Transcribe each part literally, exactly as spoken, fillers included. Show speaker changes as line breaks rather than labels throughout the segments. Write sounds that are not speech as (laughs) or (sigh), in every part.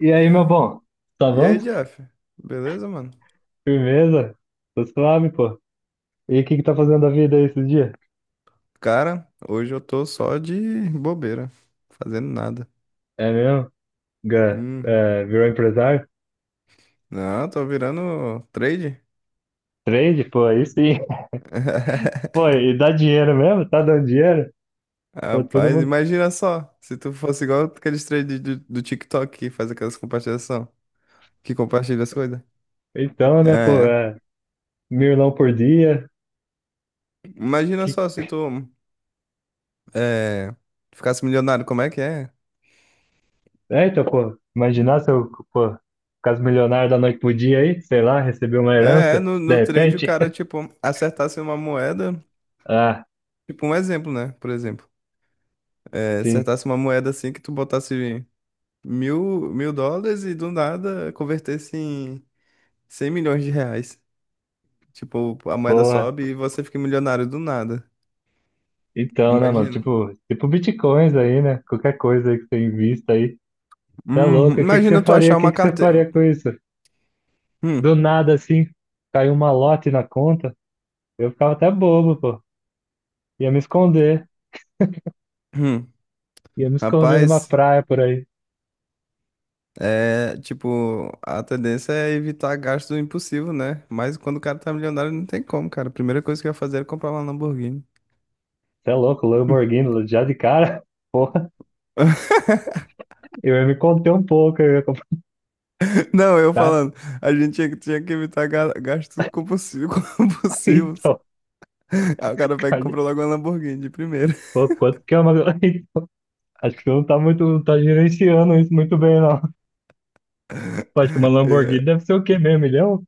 E aí, meu bom? Tá
E
bom?
aí, Jeff? Beleza, mano?
Firmeza? Tô suave, pô. E o que que tá fazendo da vida aí esses dias?
Cara, hoje eu tô só de bobeira, fazendo nada.
É mesmo? Ga-
Hum.
é, virou empresário?
Não, tô virando trade.
Trade? Pô, aí sim. (laughs) Pô,
(laughs)
e dá dinheiro mesmo? Tá dando dinheiro? Pô, todo
Rapaz,
mundo...
imagina só, se tu fosse igual aqueles trades do, do TikTok que faz aquelas compartilhação, que compartilha as coisas.
Então, né, pô,
É,
é... Milão por dia.
imagina
Que...
só se tu é, ficasse milionário, como é que é?
É, então, pô, imaginar se eu, pô, caso milionário da noite pro dia aí, sei lá, receber uma
É,
herança,
no,
de
no trade o
repente.
cara,
(laughs)
tipo, acertasse uma moeda,
Ah,
tipo um exemplo, né? Por exemplo, é,
sim.
acertasse uma moeda assim que tu botasse mil, mil dólares e do nada converter se em cem milhões de reais. Tipo, a moeda
Porra.
sobe e você fica milionário do nada.
Então, né, mano,
Imagina.
tipo, tipo bitcoins aí, né? Qualquer coisa aí que você invista aí. Tá
Hum,
louco? O que que você
imagina tu
faria?
achar
O que
uma
que você
carteira.
faria com isso?
Hum,
Do nada, assim, caiu um malote na conta. Eu ficava até bobo, pô. Ia me esconder.
hum.
Ia me esconder numa
Rapaz,
praia por aí.
é tipo, a tendência é evitar gasto impossível, né? Mas quando o cara tá milionário, não tem como, cara. A primeira coisa que eu ia fazer era comprar uma Lamborghini.
Você é louco? Lamborghini, já de cara? (laughs) Porra,
(laughs)
eu ia me conter um pouco. Eu ia comprar.
Não, eu falando,
(laughs)
a gente tinha, que tinha que evitar ga- gastos compulsivos. (laughs) Compulsivos.
Então,
Aí o cara pega e
cara,
compra logo uma Lamborghini de primeira.
pô, quanto que é uma. (laughs) Acho que você não tá muito, não tá gerenciando isso muito bem, não. Pô, acho que uma
É,
Lamborghini deve ser o quê mesmo? Milhão?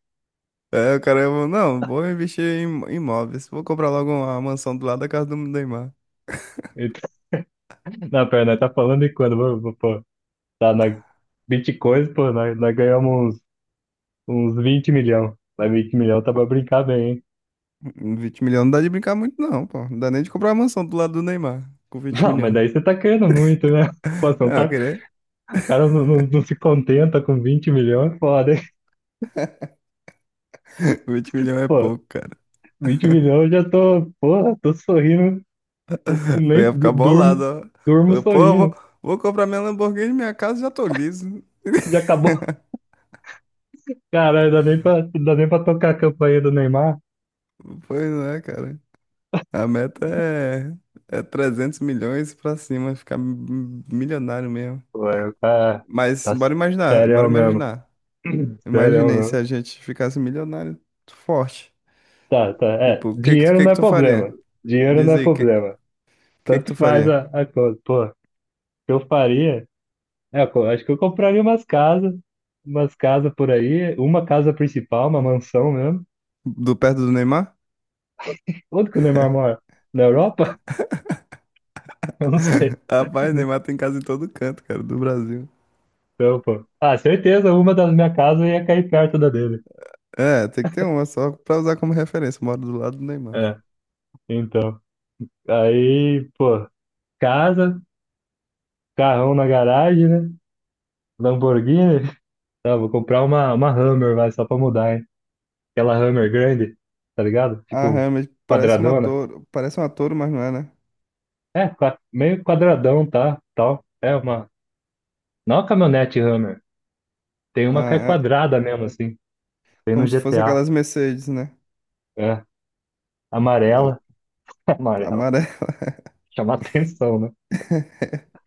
é, o cara falou, não, vou investir em imóveis. Vou comprar logo uma mansão do lado da casa do Neymar.
Então, (laughs) na perna, tá falando de quando? Pô, pô, tá na Bitcoin, pô, nós, nós ganhamos uns vinte milhão. Mas vinte milhão tá pra brincar bem, hein?
Com vinte milhões não dá de brincar muito, não, pô. Não dá nem de comprar uma mansão do lado do Neymar com vinte
Não, mas
milhões.
daí você tá querendo muito, né? Pô, você não
Ah,
tá...
querer?
O cara não, não, não se contenta com vinte milhões, é foda, hein?
(laughs) Vinte milhões é
Pô,
pouco, cara.
vinte milhões eu já tô, porra, tô sorrindo. Eu
(laughs) Eu
nem
ia
du-
ficar
durmo,
bolado, ó.
durmo
Eu, pô, eu
sorrindo.
vou, vou comprar minha Lamborghini, minha casa já tô liso.
Já acabou. Caralho, dá nem pra, dá nem pra tocar a campanha do Neymar.
Pois não é, cara. A meta é, é trezentos milhões pra cima, ficar m- milionário mesmo.
Pô, é, tá,
Mas
tá
bora imaginar, bora
sério mesmo.
imaginar.
(clears throat) Sério
Imaginei se
mesmo.
a gente ficasse milionário forte.
Tá, tá, é.
Tipo, o que que, tu-
Dinheiro
que
não
que
é
tu
problema.
faria?
Dinheiro não
Diz
é
aí, o que,
problema.
que que tu
Tanto faz
faria?
a, a coisa. Pô, que eu faria? É, eu co- acho que eu compraria umas casas, umas casas por aí, uma casa principal, uma mansão mesmo.
Do perto do Neymar?
Onde que o Neymar mora? Na Europa? (laughs) Eu não sei,
(laughs) Rapaz,
não sei,
Neymar tem casa em todo canto, cara, do Brasil.
não, pô. Ah, certeza, uma das minhas casas ia cair perto da dele.
É, tem que ter uma só pra usar como referência. Moro do lado do Neymar.
É, então. Aí, pô, casa, carrão na garagem, né? Lamborghini. Tá, vou comprar uma, uma Hammer, vai, só pra mudar, hein? Aquela Hammer grande, tá ligado?
Ah,
Tipo,
realmente, parece uma
quadradona.
Toro. Parece uma Toro, mas não é, né?
É, qua- meio quadradão, tá? Tal. É uma Não a caminhonete Hammer. Tem uma que é
Ah, é
quadrada mesmo, assim. Tem no
como se fosse
G T A.
aquelas Mercedes, né?
É.
Eu,
Amarela. (laughs) Amarela.
amarela.
Chamar atenção, né?
(laughs)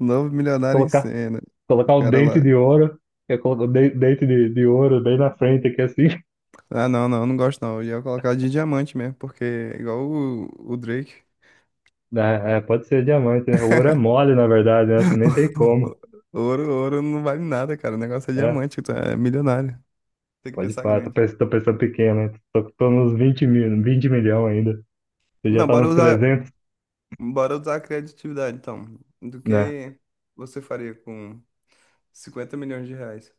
Novo milionário em
Colocar,
cena. O
colocar o
cara
dente
lá.
de ouro. Eu coloco o de- dente de, de ouro bem na frente aqui, assim. (laughs)
Ah, não, não, não gosto não. Eu ia colocar de diamante mesmo, porque é igual o, o Drake.
É, é, pode ser diamante, né? O ouro é
(laughs)
mole, na verdade, né? Acho que nem tem como.
Ouro, ouro não vale nada, cara. O negócio é
É,
diamante, tu é milionário. Tem que
pode
pensar
pá. Tô
grande.
pensando, tô pensando pequeno, né? Tô, tô nos vinte mil, vinte milhões ainda. Você já
Não,
tá
bora
nos
usar,
trezentos,
Bora usar a criatividade, então. Do
né?
que você faria com cinquenta milhões de reais?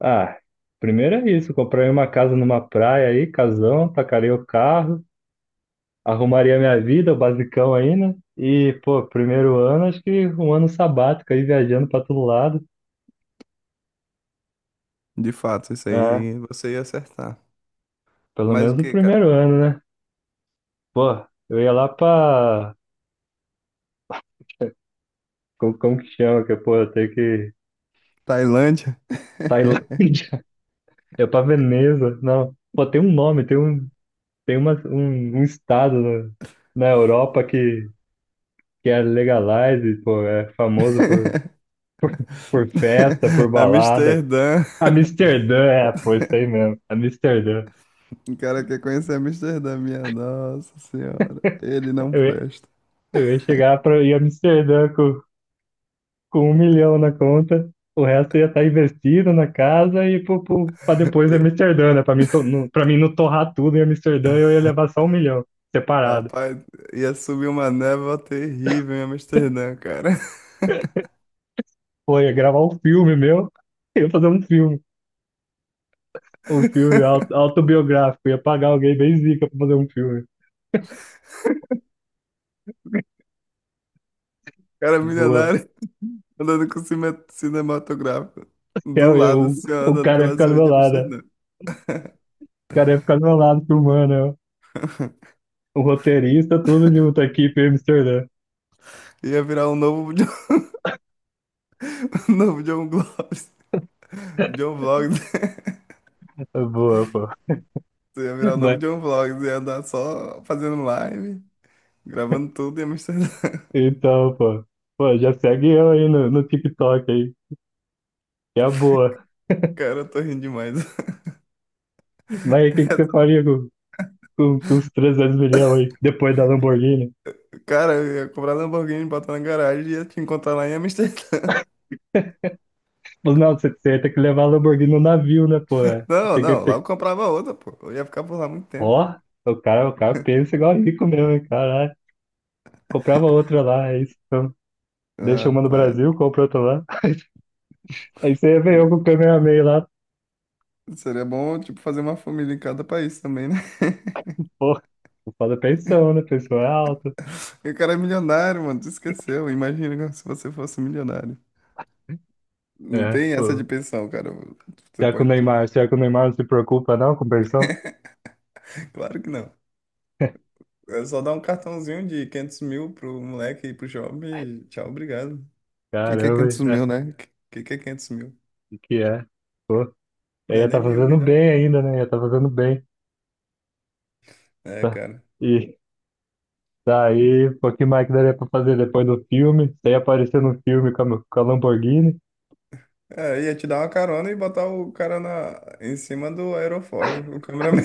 Ah, primeiro é isso. Comprei uma casa numa praia aí, casão, tacarei o carro, arrumaria minha vida, o basicão aí, né? E, pô, primeiro ano, acho que um ano sabático aí, viajando pra todo lado.
De fato, isso
É,
aí você ia acertar.
pelo
Mas o
menos o
que, cara?
primeiro ano, né? Pô, eu ia lá pra. Como, como que chama? Que, pô, eu tenho que.
Tailândia?
Tailândia, (laughs) é pra Veneza, não. Pô, tem um nome, tem um, tem uma, um, um estado na, na Europa que, que é legalized, pô, é famoso por,
(laughs)
por festa, por balada.
Amsterdã? (laughs)
Amsterdã, é, pô, isso aí mesmo, Amsterdã.
O cara quer conhecer Amsterdã, minha nossa senhora. Ele não
Eu,
presta.
Eu ia chegar para ir a Amsterdã com, com um milhão na conta, o resto ia estar investido na casa e para
(laughs)
depois em
E-
Amsterdã, né? Para mim, to- não- pra mim não torrar tudo em Amsterdã, eu ia levar só um milhão separado.
Rapaz, ia subir uma névoa terrível em Amsterdã, cara.
Pô, ia gravar um filme meu, (laughs) eu ia fazer um filme, um filme
(laughs)
auto- autobiográfico, ia pagar alguém bem zica para fazer um filme.
Cara
Boa.
milionário andando com cine- cinematográfico.
É,
Do
Eu,
lado,
eu,
assim, ó,
o
andando
cara ia
pelas
ficar do
ruas
meu
de
lado, né?
Amsterdã.
O cara ia ficar do meu lado filmando, eu.
(laughs)
O roteirista, tudo junto, a equipe em Amsterdã.
Ia virar um novo, John- (laughs) novo John Vlogs. John Vlogs. (laughs)
Boa, pô.
Tu ia virar o novo
Mas
John Vlogs. Ia andar só fazendo live, gravando tudo em Amsterdã. (laughs)
Então, pô. Pô, já segue eu aí no, no TikTok aí, que é a boa.
Cara, eu tô rindo demais. (laughs)
Mas o que, que você
(laughs)
faria com, com, com os trezentos milhões aí, depois da Lamborghini?
Cara, eu ia comprar Lamborghini, botar na garagem e ia te encontrar lá em Amsterdã. (laughs)
Mas não, você, você ia ter que levar a Lamborghini no navio, né, pô? É.
Não,
Tem que,
não, lá
tem... que-
eu comprava outra, pô. Eu ia ficar por lá muito tempo.
Ó, o cara, o cara pensa igual rico mesmo, hein, caralho. Comprava outra lá, é isso. Então, deixa uma no
Rapaz,
Brasil, compra outra lá. (laughs) Aí você veio com o Kamehameha lá,
seria bom, tipo, fazer uma família em cada país também, né? (laughs)
pô. Foda a pensão, né? Pensão é alta.
E o cara é milionário, mano, tu esqueceu. Imagina (laughs) se você fosse milionário. Não
É,
tem essa de
pô.
pensão, cara. Você
Será que o
pode tudo.
Neymar, será que o Neymar não se preocupa não com pensão?
(laughs) Claro que não.
(laughs)
É só dar um cartãozinho de quinhentos mil pro moleque e pro jovem e tchau, obrigado. O que que é
Caramba,
quinhentos mil,
hein?
né? O que que é quinhentos mil?
O que é? Pô, eu
Não é
ia
nem
tá
meio
fazendo
milhão.
bem ainda, né? Ia tá fazendo bem.
É,
Tá.
cara.
E daí, pô, que mais que daria pra fazer depois do filme? Você ia aparecer no filme com a, com a Lamborghini.
É, ia te dar uma carona e botar o cara na, em cima do aerofólio, o cameraman.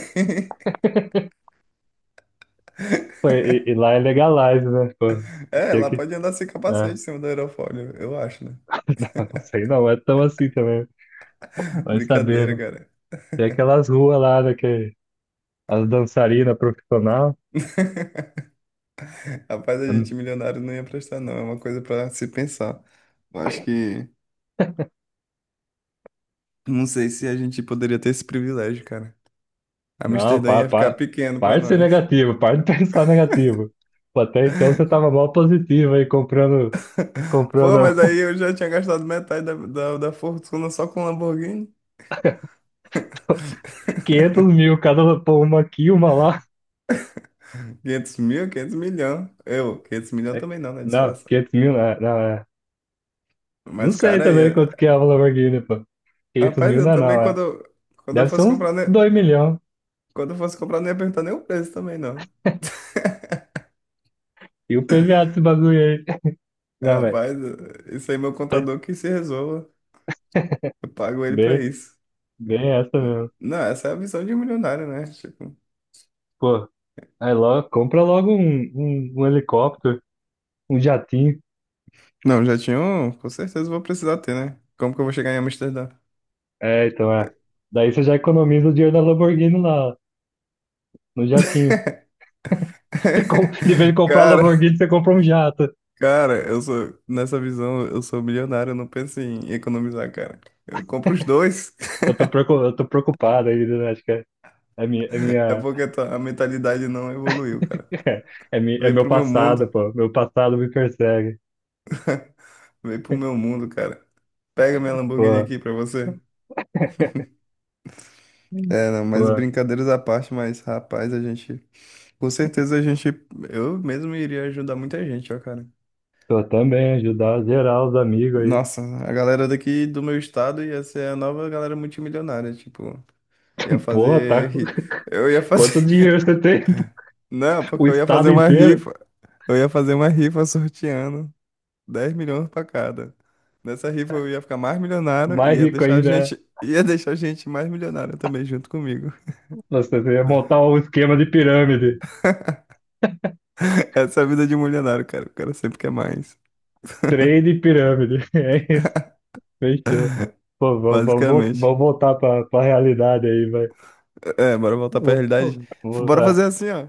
Pô,
(laughs)
e, e lá é legalize, né? Pô,
É,
tinha
lá
que.
pode andar sem capacete em
É.
cima do aerofólio, eu acho, né?
(laughs) Não sei não, é tão assim também. Vai saber,
Brincadeira,
né?
cara.
Tem aquelas ruas lá, né, que as dançarinas profissional.
(laughs) Rapaz, a
Hum,
gente milionário não ia prestar, não. É uma coisa pra se pensar. Eu acho que. Não sei se a gente poderia ter esse privilégio, cara.
Não,
Amsterdã
pa,
ia ficar
pa,
pequeno pra
parte de ser
nós.
negativo, parte (laughs) de pensar negativo. Pô, até então você tava mal positivo aí comprando,
(laughs) Pô,
comprando.
mas aí eu já tinha gastado metade da, da, da fortuna só com Lamborghini.
(laughs) quinhentos
(laughs)
mil cada, pô, uma aqui, uma lá.
quinhentos mil, quinhentos milhão. Eu, quinhentos milhão
É-
também não, né?
Não,
Disfarça.
quinhentos mil não é, não é. Não
Mas,
sei
cara,
também quanto
ia...
que é a Lamborghini, pô. quinhentos
Rapaz,
mil não
eu
é
também,
não, é.
quando, eu- quando eu
Deve ser
fosse
uns
comprar, né?
dois milhões.
Quando eu fosse comprar, não ia perguntar nem o preço também, não.
E o P V A desse bagulho aí. (laughs)
É,
Não, velho.
rapaz, isso aí, meu contador que se resolva. Eu pago ele pra
Bem,
isso.
bem essa mesmo.
Não, essa é a visão de um milionário, né? Tipo,
Pô, aí logo, compra logo um, um, um, helicóptero, um jatinho.
não, já tinha um, com certeza vou precisar ter, né? Como que eu vou chegar em Amsterdã?
É, então é. Daí você já economiza o dinheiro da Lamborghini lá, no jatinho.
(laughs)
(laughs) Você com- De vez de comprar a
Cara,
Lamborghini, você compra um jato.
Cara, eu sou, nessa visão, eu sou milionário, eu não penso em economizar, cara. Eu compro os dois.
Eu tô,
(laughs)
preocu- eu tô preocupado aí, né? Acho que é, é minha, é
É
minha
porque tá- a mentalidade não evoluiu, cara.
É, mi- é
Vem
meu
pro meu
passado,
mundo,
pô. Meu passado me persegue.
vem pro meu mundo, cara. Pega minha Lamborghini
Pô,
aqui pra você. É, não, mas
pô,
brincadeiras à parte, mas rapaz, a gente. Com certeza a gente. Eu mesmo iria ajudar muita gente, ó, cara.
tô também ajudar geral os amigos aí.
Nossa, a galera daqui do meu estado ia ser a nova galera multimilionária, tipo. Ia
(laughs) Porra, tá.
fazer.
com-
ri-
(laughs)
Eu ia
Quanto
fazer.
dinheiro você tem?
(laughs) Não,
(laughs) O
porque eu ia fazer
estado
uma
inteiro?
rifa. Eu ia fazer uma rifa sorteando dez milhões pra cada. Nessa rifa eu ia ficar mais milionário
Mais
e ia
rico
deixar a
ainda. É.
gente, (laughs) ia deixar a gente mais milionário também junto comigo.
Nossa, você ia montar um esquema de pirâmide.
(laughs) Essa é a vida de um milionário, cara. O cara sempre quer mais,
Trade pirâmide. (laughs) É isso. Fechou. Pô, vamos, vamos, vol-
basicamente.
vamos voltar pra, pra realidade aí, vai.
É, bora voltar pra
Vou-
realidade.
vou- vou-
Bora fazer assim, ó.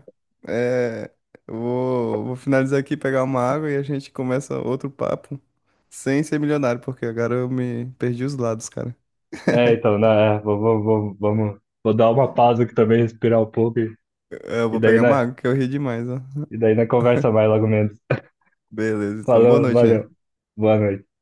É, eu vou, vou finalizar aqui, pegar uma água e a gente começa outro papo sem ser milionário, porque agora eu me perdi os lados, cara.
É, É, então, né? é, vamos, vamos, vamos, vamos- vou dar uma pausa aqui também, respirar um pouco. E,
É, eu
e
vou
daí,
pegar uma
né?
água que eu ri demais, ó.
E daí na conversa mais logo menos. (laughs)
Beleza, então
Falou,
boa noite,
valeu.
hein?
Boa noite.